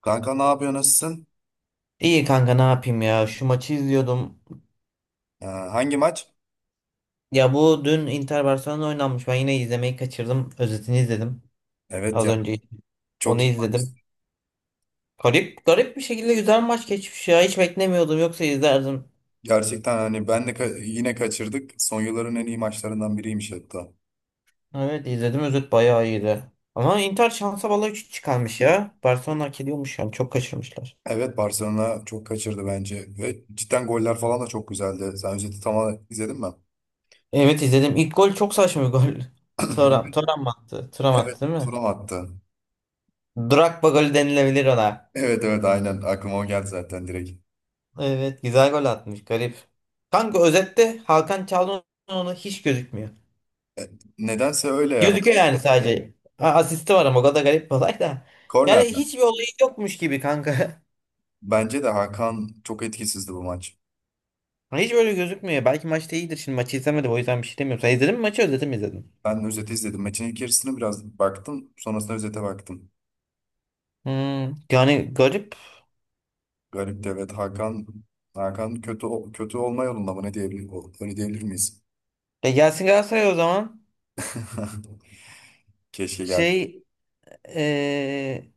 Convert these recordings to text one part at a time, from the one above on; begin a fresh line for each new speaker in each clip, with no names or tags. Kanka ne yapıyor, nasılsın?
İyi kanka ne yapayım ya şu maçı izliyordum.
Hangi maç?
Ya bu dün Inter Barcelona oynanmış. Ben yine izlemeyi kaçırdım. Özetini izledim.
Evet
Az
ya,
önce onu
çok iyi maç.
izledim. Garip garip bir şekilde güzel maç geçmiş ya. Hiç beklemiyordum, yoksa izlerdim.
Gerçekten hani ben de yine kaçırdık. Son yılların en iyi maçlarından biriymiş hatta.
Evet, izledim, özet bayağı iyiydi. Ama Inter şansa bala 3 çıkarmış ya. Barcelona hak ediyormuş yani, çok kaçırmışlar.
Evet, Barcelona çok kaçırdı bence ve cidden goller falan da çok güzeldi. Sen özeti tamamen izledin mi?
Evet, izledim. İlk gol çok saçma bir gol. Thuram,
Evet,
Thuram mı attı? Thuram
evet
attı değil mi?
Thuram attı.
Drogba golü denilebilir ona.
Evet, evet aynen aklıma o geldi zaten direkt.
Evet, güzel gol atmış, garip. Kanka özette Hakan Çalhanoğlu hiç gözükmüyor.
Nedense öyle ya.
Gözüküyor yani sadece. Asisti var ama o kadar garip bir olay da. Yani
Kornerden.
hiçbir olayı yokmuş gibi kanka.
Bence de Hakan çok etkisizdi bu maç.
Hiç böyle gözükmüyor. Belki maçta iyidir. Şimdi maçı izlemedim, o yüzden bir şey demiyorum. Sen izledin mi maçı, özeti mi izledin?
Ben özeti izledim. Maçın ilk yarısını biraz baktım. Sonrasında özete baktım.
Yani garip.
Garip de evet, Hakan kötü kötü olma yolunda mı ne diyebilir, öyle diyebilir miyiz?
Ya gelsin Galatasaray o zaman.
Keşke gel.
Şey eee,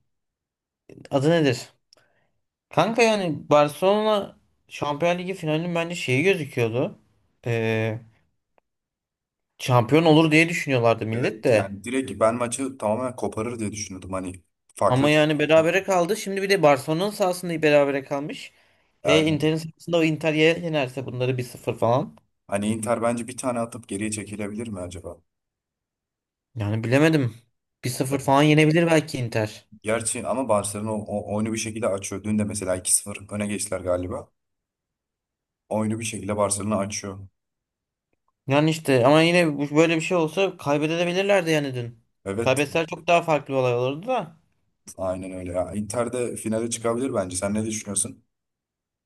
adı nedir? Kanka yani Barcelona Şampiyon Ligi finalinin bence şeyi gözüküyordu. E, Şampiyon olur diye düşünüyorlardı millet
Evet
de.
yani direkt ben maçı tamamen koparır diye düşünüyordum, hani farklı.
Ama yani berabere kaldı. Şimdi bir de Barcelona'nın sahasında berabere kalmış. E
Aynen.
Inter'in sahasında o Inter yenerse bunları 1-0 falan.
Hani Inter bence bir tane atıp geriye çekilebilir mi acaba?
Yani bilemedim. 1-0 falan yenebilir belki Inter.
Gerçi ama Barcelona oyunu bir şekilde açıyor. Dün de mesela 2-0 öne geçtiler galiba. Oyunu bir şekilde Barcelona açıyor.
Yani işte ama yine böyle bir şey olsa kaybedebilirlerdi yani dün.
Evet,
Kaybetseler çok daha farklı bir olay olurdu da.
aynen öyle ya. Inter de finale çıkabilir bence. Sen ne düşünüyorsun?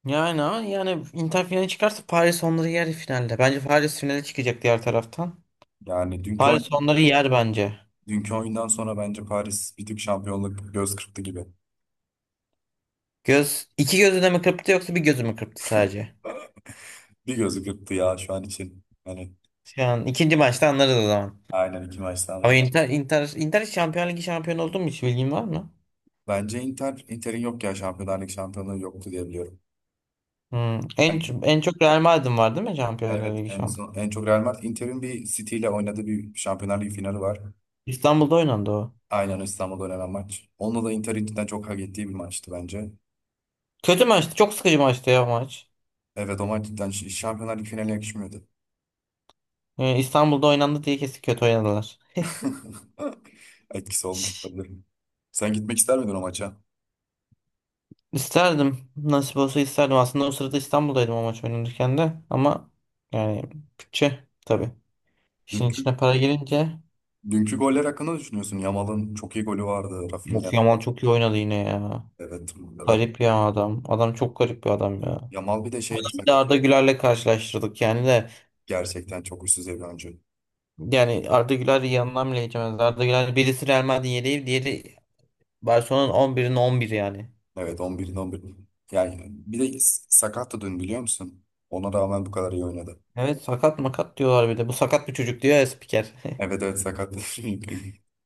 Yani ama yani Inter finale çıkarsa Paris onları yer finalde. Bence Paris finale çıkacak diğer taraftan.
Yani dünkü oyun
Paris onları yer bence.
Dünkü oyundan sonra bence Paris bir tık şampiyonluk göz kırptı gibi.
Göz iki gözü de mi kırptı yoksa bir gözü mü kırptı sadece?
Bir gözü kırptı ya şu an için. Hani,
Şu an ikinci maçta anlarız o zaman.
aynen, iki maçtan
Ama
aldık.
Inter Şampiyonlar Ligi şampiyonu oldu mu, hiç bilgin var mı?
Bence Inter'in yok ya, Şampiyonlar Ligi şampiyonluğu yoktu diye biliyorum.
Hmm.
Hani,
En çok Real Madrid'in var değil mi Şampiyonlar
evet,
Ligi
en
şampiyonu?
son, en çok Real Madrid, Inter'in bir City ile oynadığı bir Şampiyonlar Ligi finali var.
İstanbul'da oynandı o.
Aynen, İstanbul'da oynanan maç. Onunla da Inter'in cidden çok hak ettiği bir maçtı bence.
Kötü maçtı. Çok sıkıcı maçtı ya o maç.
Evet, o maç cidden Şampiyonlar Ligi finaline yakışmıyordu.
İstanbul'da oynandı diye kesin kötü oynadılar.
Etkisi
Şş,
olmuş olabilir. Sen gitmek ister miydin o maça?
İsterdim. Nasip olsa isterdim. Aslında o sırada İstanbul'daydım o maç oynanırken de. Ama yani bütçe tabii. İşin
Dünkü
içine para girince.
Dünkü goller hakkında ne düşünüyorsun? Yamal'ın çok iyi golü vardı. Rafinha.
Of Yaman çok iyi oynadı yine ya.
Evet. Ra-
Garip ya adam. Adam çok garip bir adam ya.
Yamal bir de şeydi,
Bir de Arda Güler'le karşılaştırdık yani de.
gerçekten çok üst düzey bir oyuncu.
Yani Arda Güler yanından bile geçemez. Arda Güler birisi Real Madrid'in yedeği, diğeri Barcelona'nın 11'inin 11 yani.
Evet, 11'in 11. Yani bir de sakattı dün, biliyor musun? Ona rağmen bu kadar iyi oynadı.
Evet, sakat makat diyorlar bir de. Bu sakat bir çocuk diyor ya spiker.
Evet, evet sakattı.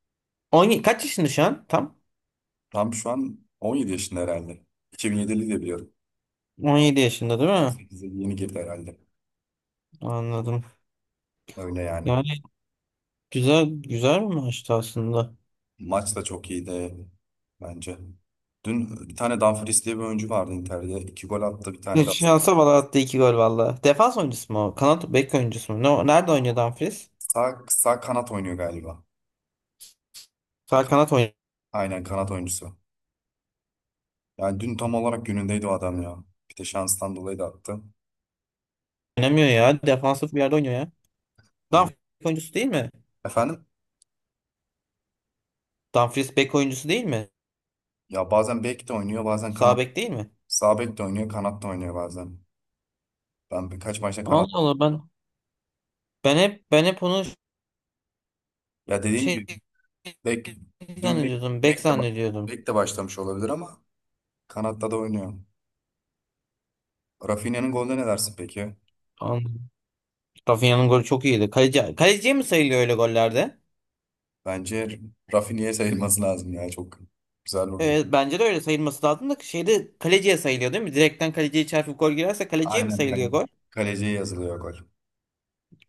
17, kaç yaşında şu an? Tam
Tam şu an 17 yaşında herhalde. 2007'li de biliyorum.
17 yaşında değil mi?
18'e yeni girdi herhalde.
Anladım.
Öyle yani.
Yani güzel güzel bir maçtı aslında.
Maç da çok iyiydi bence. Dün bir tane Dumfries diye bir oyuncu vardı Inter'de. İki gol attı. Bir tane
Bir
de.
Şansa bala attı iki gol valla. Defans oyuncusu mu o? Kanat bek oyuncusu mu? Ne, nerede oynuyor Dumfries?
Sağ kanat oynuyor galiba.
Sağ kanat
Aynen, kanat oyuncusu. Yani dün tam olarak günündeydi o adam ya. Bir de şanstan dolayı da attı.
oynamıyor ya. Defansif bir yerde oynuyor ya. Dumfries bek oyuncusu değil mi?
Efendim?
Dumfries bek oyuncusu değil mi?
Ya bazen bek de oynuyor, bazen
Sağ
kanat.
bek değil mi?
Sağ bek de oynuyor, kanat da oynuyor bazen. Ben birkaç maçta kanat.
Allah Allah, ben hep onu
Ya dediğin
şey
gibi bek. Dün
zannediyordum. Bek
bek de ba-
zannediyordum.
bek de başlamış olabilir ama kanatta da oynuyor. Rafinha'nın golüne ne dersin peki?
Anladım. Rafinha'nın golü çok iyiydi. Kaleci, kaleciye mi sayılıyor öyle gollerde?
Bence Rafinha'ya sayılması lazım ya, çok güzel vurdu.
Evet, bence de öyle sayılması lazım da şeyde kaleciye sayılıyor değil mi? Direkten kaleciye çarpıp gol girerse kaleciye mi
Aynen.
sayılıyor gol?
Kaleciye yazılıyor gol.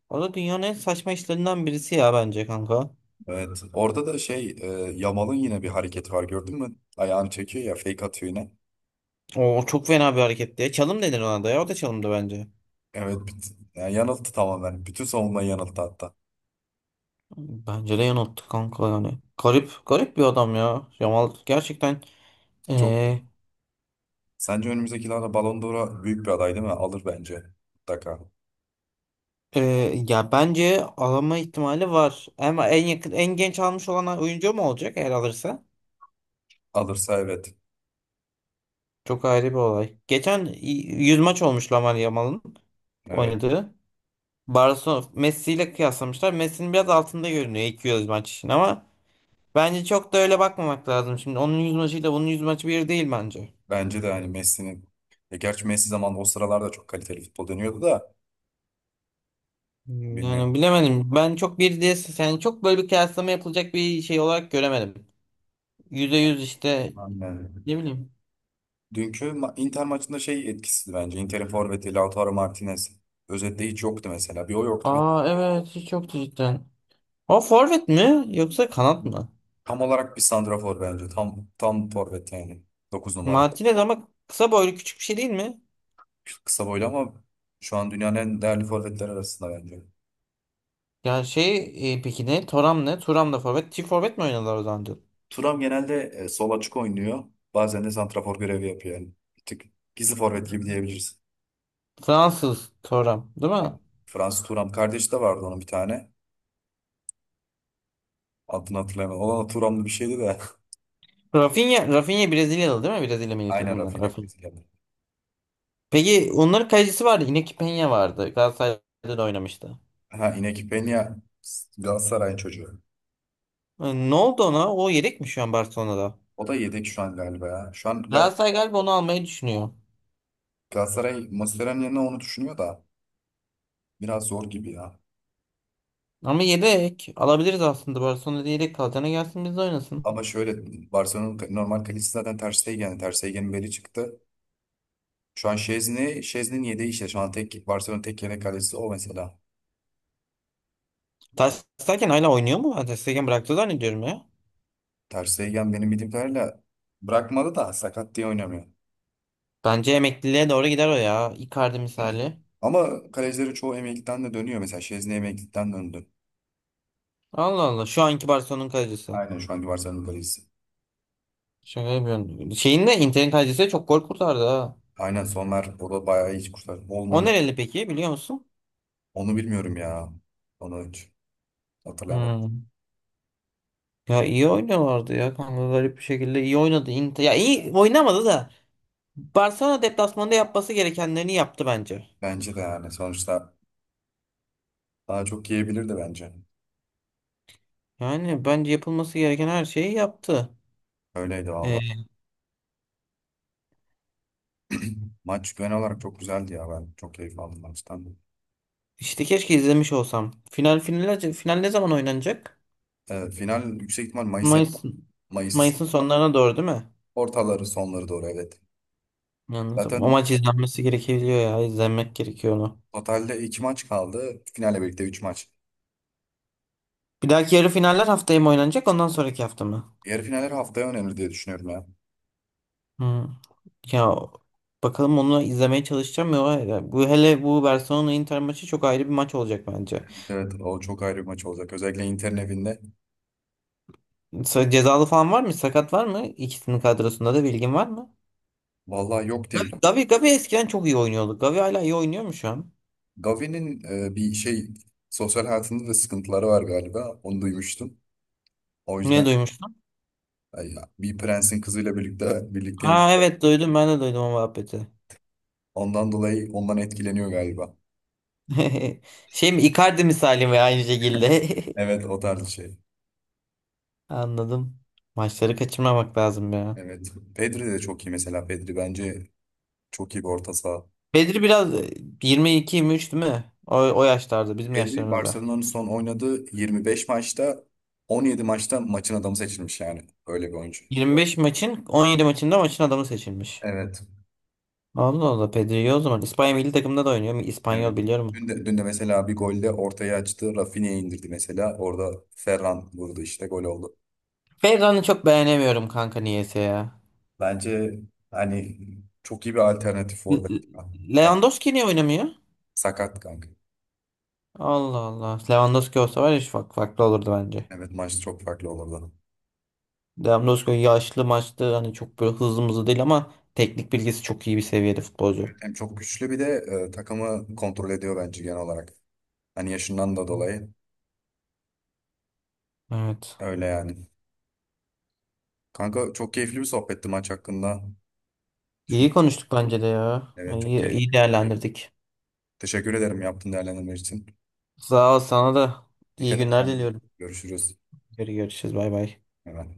O da dünyanın en saçma işlerinden birisi ya bence kanka.
Evet. Orada da şey, Yamal'ın yine bir hareketi var, gördün mü? Ayağını çekiyor ya, fake atıyor yine.
O çok fena bir hareketti ya. Çalım denir ona da ya. O da çalımdı bence.
Evet. Yani yanılttı tamamen. Bütün savunmayı yanılttı hatta.
Bence de yanılttı kanka yani. Garip, garip bir adam ya. Yamal gerçekten
Çok
eee,
Sence önümüzdeki yıllarda Ballon d'Or'a büyük bir aday değil mi? Alır bence. Mutlaka.
ya bence alama ihtimali var. Ama en yakın, en genç almış olan oyuncu mu olacak eğer alırsa?
Alırsa evet.
Çok ayrı bir olay. Geçen 100 maç olmuş Lamine Yamal'ın
Evet.
oynadığı. Barcelona Messi ile kıyaslamışlar. Messi'nin biraz altında görünüyor 200 maç için ama bence çok da öyle bakmamak lazım. Şimdi onun 100 maçıyla bunun 100 maçı bir değil bence.
Bence de hani Messi'nin. Gerçi Messi zaman o sıralarda çok kaliteli futbol dönüyordu da
Yani
bilmiyorum.
bilemedim. Ben çok bir diye yani çok böyle bir kıyaslama yapılacak bir şey olarak göremedim. %100 işte
Aynen.
ne bileyim.
Dünkü Inter maçında şey etkisizdi bence. Inter'in forveti Lautaro Martinez. Özetle hiç yoktu mesela. Bir o yoktu.
Aa evet, hiç yoktu cidden. O forvet mi yoksa kanat mı?
Tam olarak bir santrafor bence. Tam forvet yani. Dokuz numara.
Martinez ama kısa boylu küçük bir şey değil mi?
Kısa boylu ama şu an dünyanın en değerli forvetleri arasında bence.
Ya peki ne? Thuram ne? Thuram da forvet. Çift forvet mi oynadılar o zaman? Diyor.
Turam genelde sol açık oynuyor. Bazen de santrafor görevi yapıyor yani. Bir tık gizli forvet gibi diyebiliriz.
Fransız Thuram değil mi?
Aynen. Fransız Turam kardeşi de vardı onun, bir tane. Adını hatırlamıyorum. Olan Turamlı bir şeydi de.
Rafinha, Rafinha Brezilyalı değil mi? Brezilya milli
Aynen,
takımından
Rafinha
Rafinha.
Brezilyalı.
Peki onların kalecisi vardı. Yine Penha vardı. Galatasaray'da da oynamıştı.
Ha, Iñaki Peña Galatasaray'ın çocuğu.
E, ne oldu ona? O yedek mi şu an Barcelona'da?
O da yedek şu an galiba ya. Şu an
Galatasaray galiba onu almayı düşünüyor.
Galatasaray Mascherano'nun yerine onu düşünüyor da biraz zor gibi ya.
Ama yedek alabiliriz aslında. Barcelona'da yedek kalacağına gelsin biz de oynasın.
Ama şöyle, Barcelona'nın normal kalecisi zaten Ter Stegen. Yani Ter Stegen'in beli çıktı. Şu an Şezni'nin yedeği işte. Şu an tek, Barcelona'nın tek yedek kalecisi o mesela.
Ter Stegen hala oynuyor mu? Ben Ter Stegen bıraktı zannediyorum ya.
Ter Stegen benim bildiğim kadarıyla bırakmadı da sakat diye oynamıyor.
Bence emekliliğe doğru gider o ya. Icardi misali.
Ama kalecilerin çoğu emeklilikten de dönüyor. Mesela Şezni emeklilikten döndü.
Allah Allah. Şu anki Barcelona'nın kalecisi.
Aynen, şu anki Barcelona'nın kalecisi.
Şaka yapıyorum. Şeyin de Inter'in kalecisi de çok gol kurtardı ha.
Aynen sonlar, o da bayağı iyi kurtardı.
O
Olmamış.
nereli peki biliyor musun?
Onu bilmiyorum ya. Onu hiç hatırlayamadım.
Hmm. Ya iyi oynuyorlardı ya kanka, garip bir şekilde iyi oynadı Inter. Ya iyi oynamadı da Barcelona deplasmanda yapması gerekenlerini yaptı bence.
Bence de yani sonuçta daha çok yiyebilirdi bence.
Yani bence yapılması gereken her şeyi yaptı.
Öyleydi vallahi.
Ee,
Maç genel olarak çok güzeldi ya. Ben çok keyif aldım maçtan.
işte keşke izlemiş olsam. Final ne zaman oynanacak?
Final yüksek ihtimal Mayıs,
Mayıs'ın
Mayıs
Mayıs'ın sonlarına doğru değil mi?
ortaları sonları doğru evet.
Anladım. O
Zaten
maç izlenmesi gerekiyor ya. İzlenmek gerekiyor onu.
totalde iki maç kaldı. Finale birlikte üç maç.
Bir dahaki yarı finaller haftaya mı oynanacak? Ondan sonraki hafta mı?
Yarı finaller haftaya önemli diye düşünüyorum ya.
Hmm. Ya bakalım onu izlemeye çalışacağım ya. Bu hele bu Barcelona Inter maçı çok ayrı bir maç olacak bence.
Evet, o çok ayrı bir maç olacak. Özellikle Inter'in evinde.
Cezalı falan var mı? Sakat var mı? İkisinin kadrosunda da bilgin var mı?
Vallahi yok diye.
Gavi, Gavi eskiden çok iyi oynuyordu. Gavi hala iyi oynuyor mu şu an?
Gavi'nin bir şey, sosyal hayatında da sıkıntıları var galiba. Onu duymuştum. O
Ne
yüzden,
duymuştun?
ay ya, bir prensin kızıyla birlikte birlikteyim.
Ha evet, duydum, ben de duydum o muhabbeti.
Ondan dolayı ondan etkileniyor galiba.
Şey mi, Icardi misali mi aynı şekilde?
Evet, o tarz bir şey.
Anladım. Maçları kaçırmamak lazım ya.
Evet. Pedri de çok iyi mesela. Pedri bence çok iyi bir orta saha.
Bedri biraz 22-23 değil mi? O, o yaşlarda bizim
Pedri
yaşlarımızda.
Barcelona'nın son oynadığı 25 maçta 17 maçta maçın adamı seçilmiş yani. Öyle bir oyuncu.
25 maçın 17 maçında maçın adamı seçilmiş.
Evet.
Allah Allah, Pedri iyi o zaman. İspanya milli takımında da oynuyor.
Evet.
İspanyol biliyorum.
Dün de mesela bir golde ortaya açtı. Rafinha indirdi mesela. Orada Ferran vurdu, işte gol oldu.
Ferran'ı çok beğenemiyorum kanka niyeyse ya.
Bence hani çok iyi bir alternatif
L-
orada.
L-
Bak,
Lewandowski niye oynamıyor?
sakat kanka.
Allah Allah. Lewandowski olsa var ya şu farklı olurdu bence.
Evet, maç çok farklı olurdu.
Lewandowski yaşlı maçlı hani çok böyle hızlı mızlı değil, ama teknik bilgisi çok iyi bir seviyede futbolcu.
Hem çok güçlü, bir de takımı kontrol ediyor bence genel olarak. Hani yaşından da dolayı.
Evet.
Öyle yani. Kanka çok keyifli bir sohbetti maç hakkında.
İyi
Düşündük.
konuştuk bence de ya.
Evet çok
İyi, iyi
keyifli.
değerlendirdik.
Teşekkür ederim yaptığın değerlendirme için.
Sağ ol, sana da iyi
Dikkat et
günler
kendine.
diliyorum.
Görüşürüz.
Görüşürüz, bay bay.
Hemen.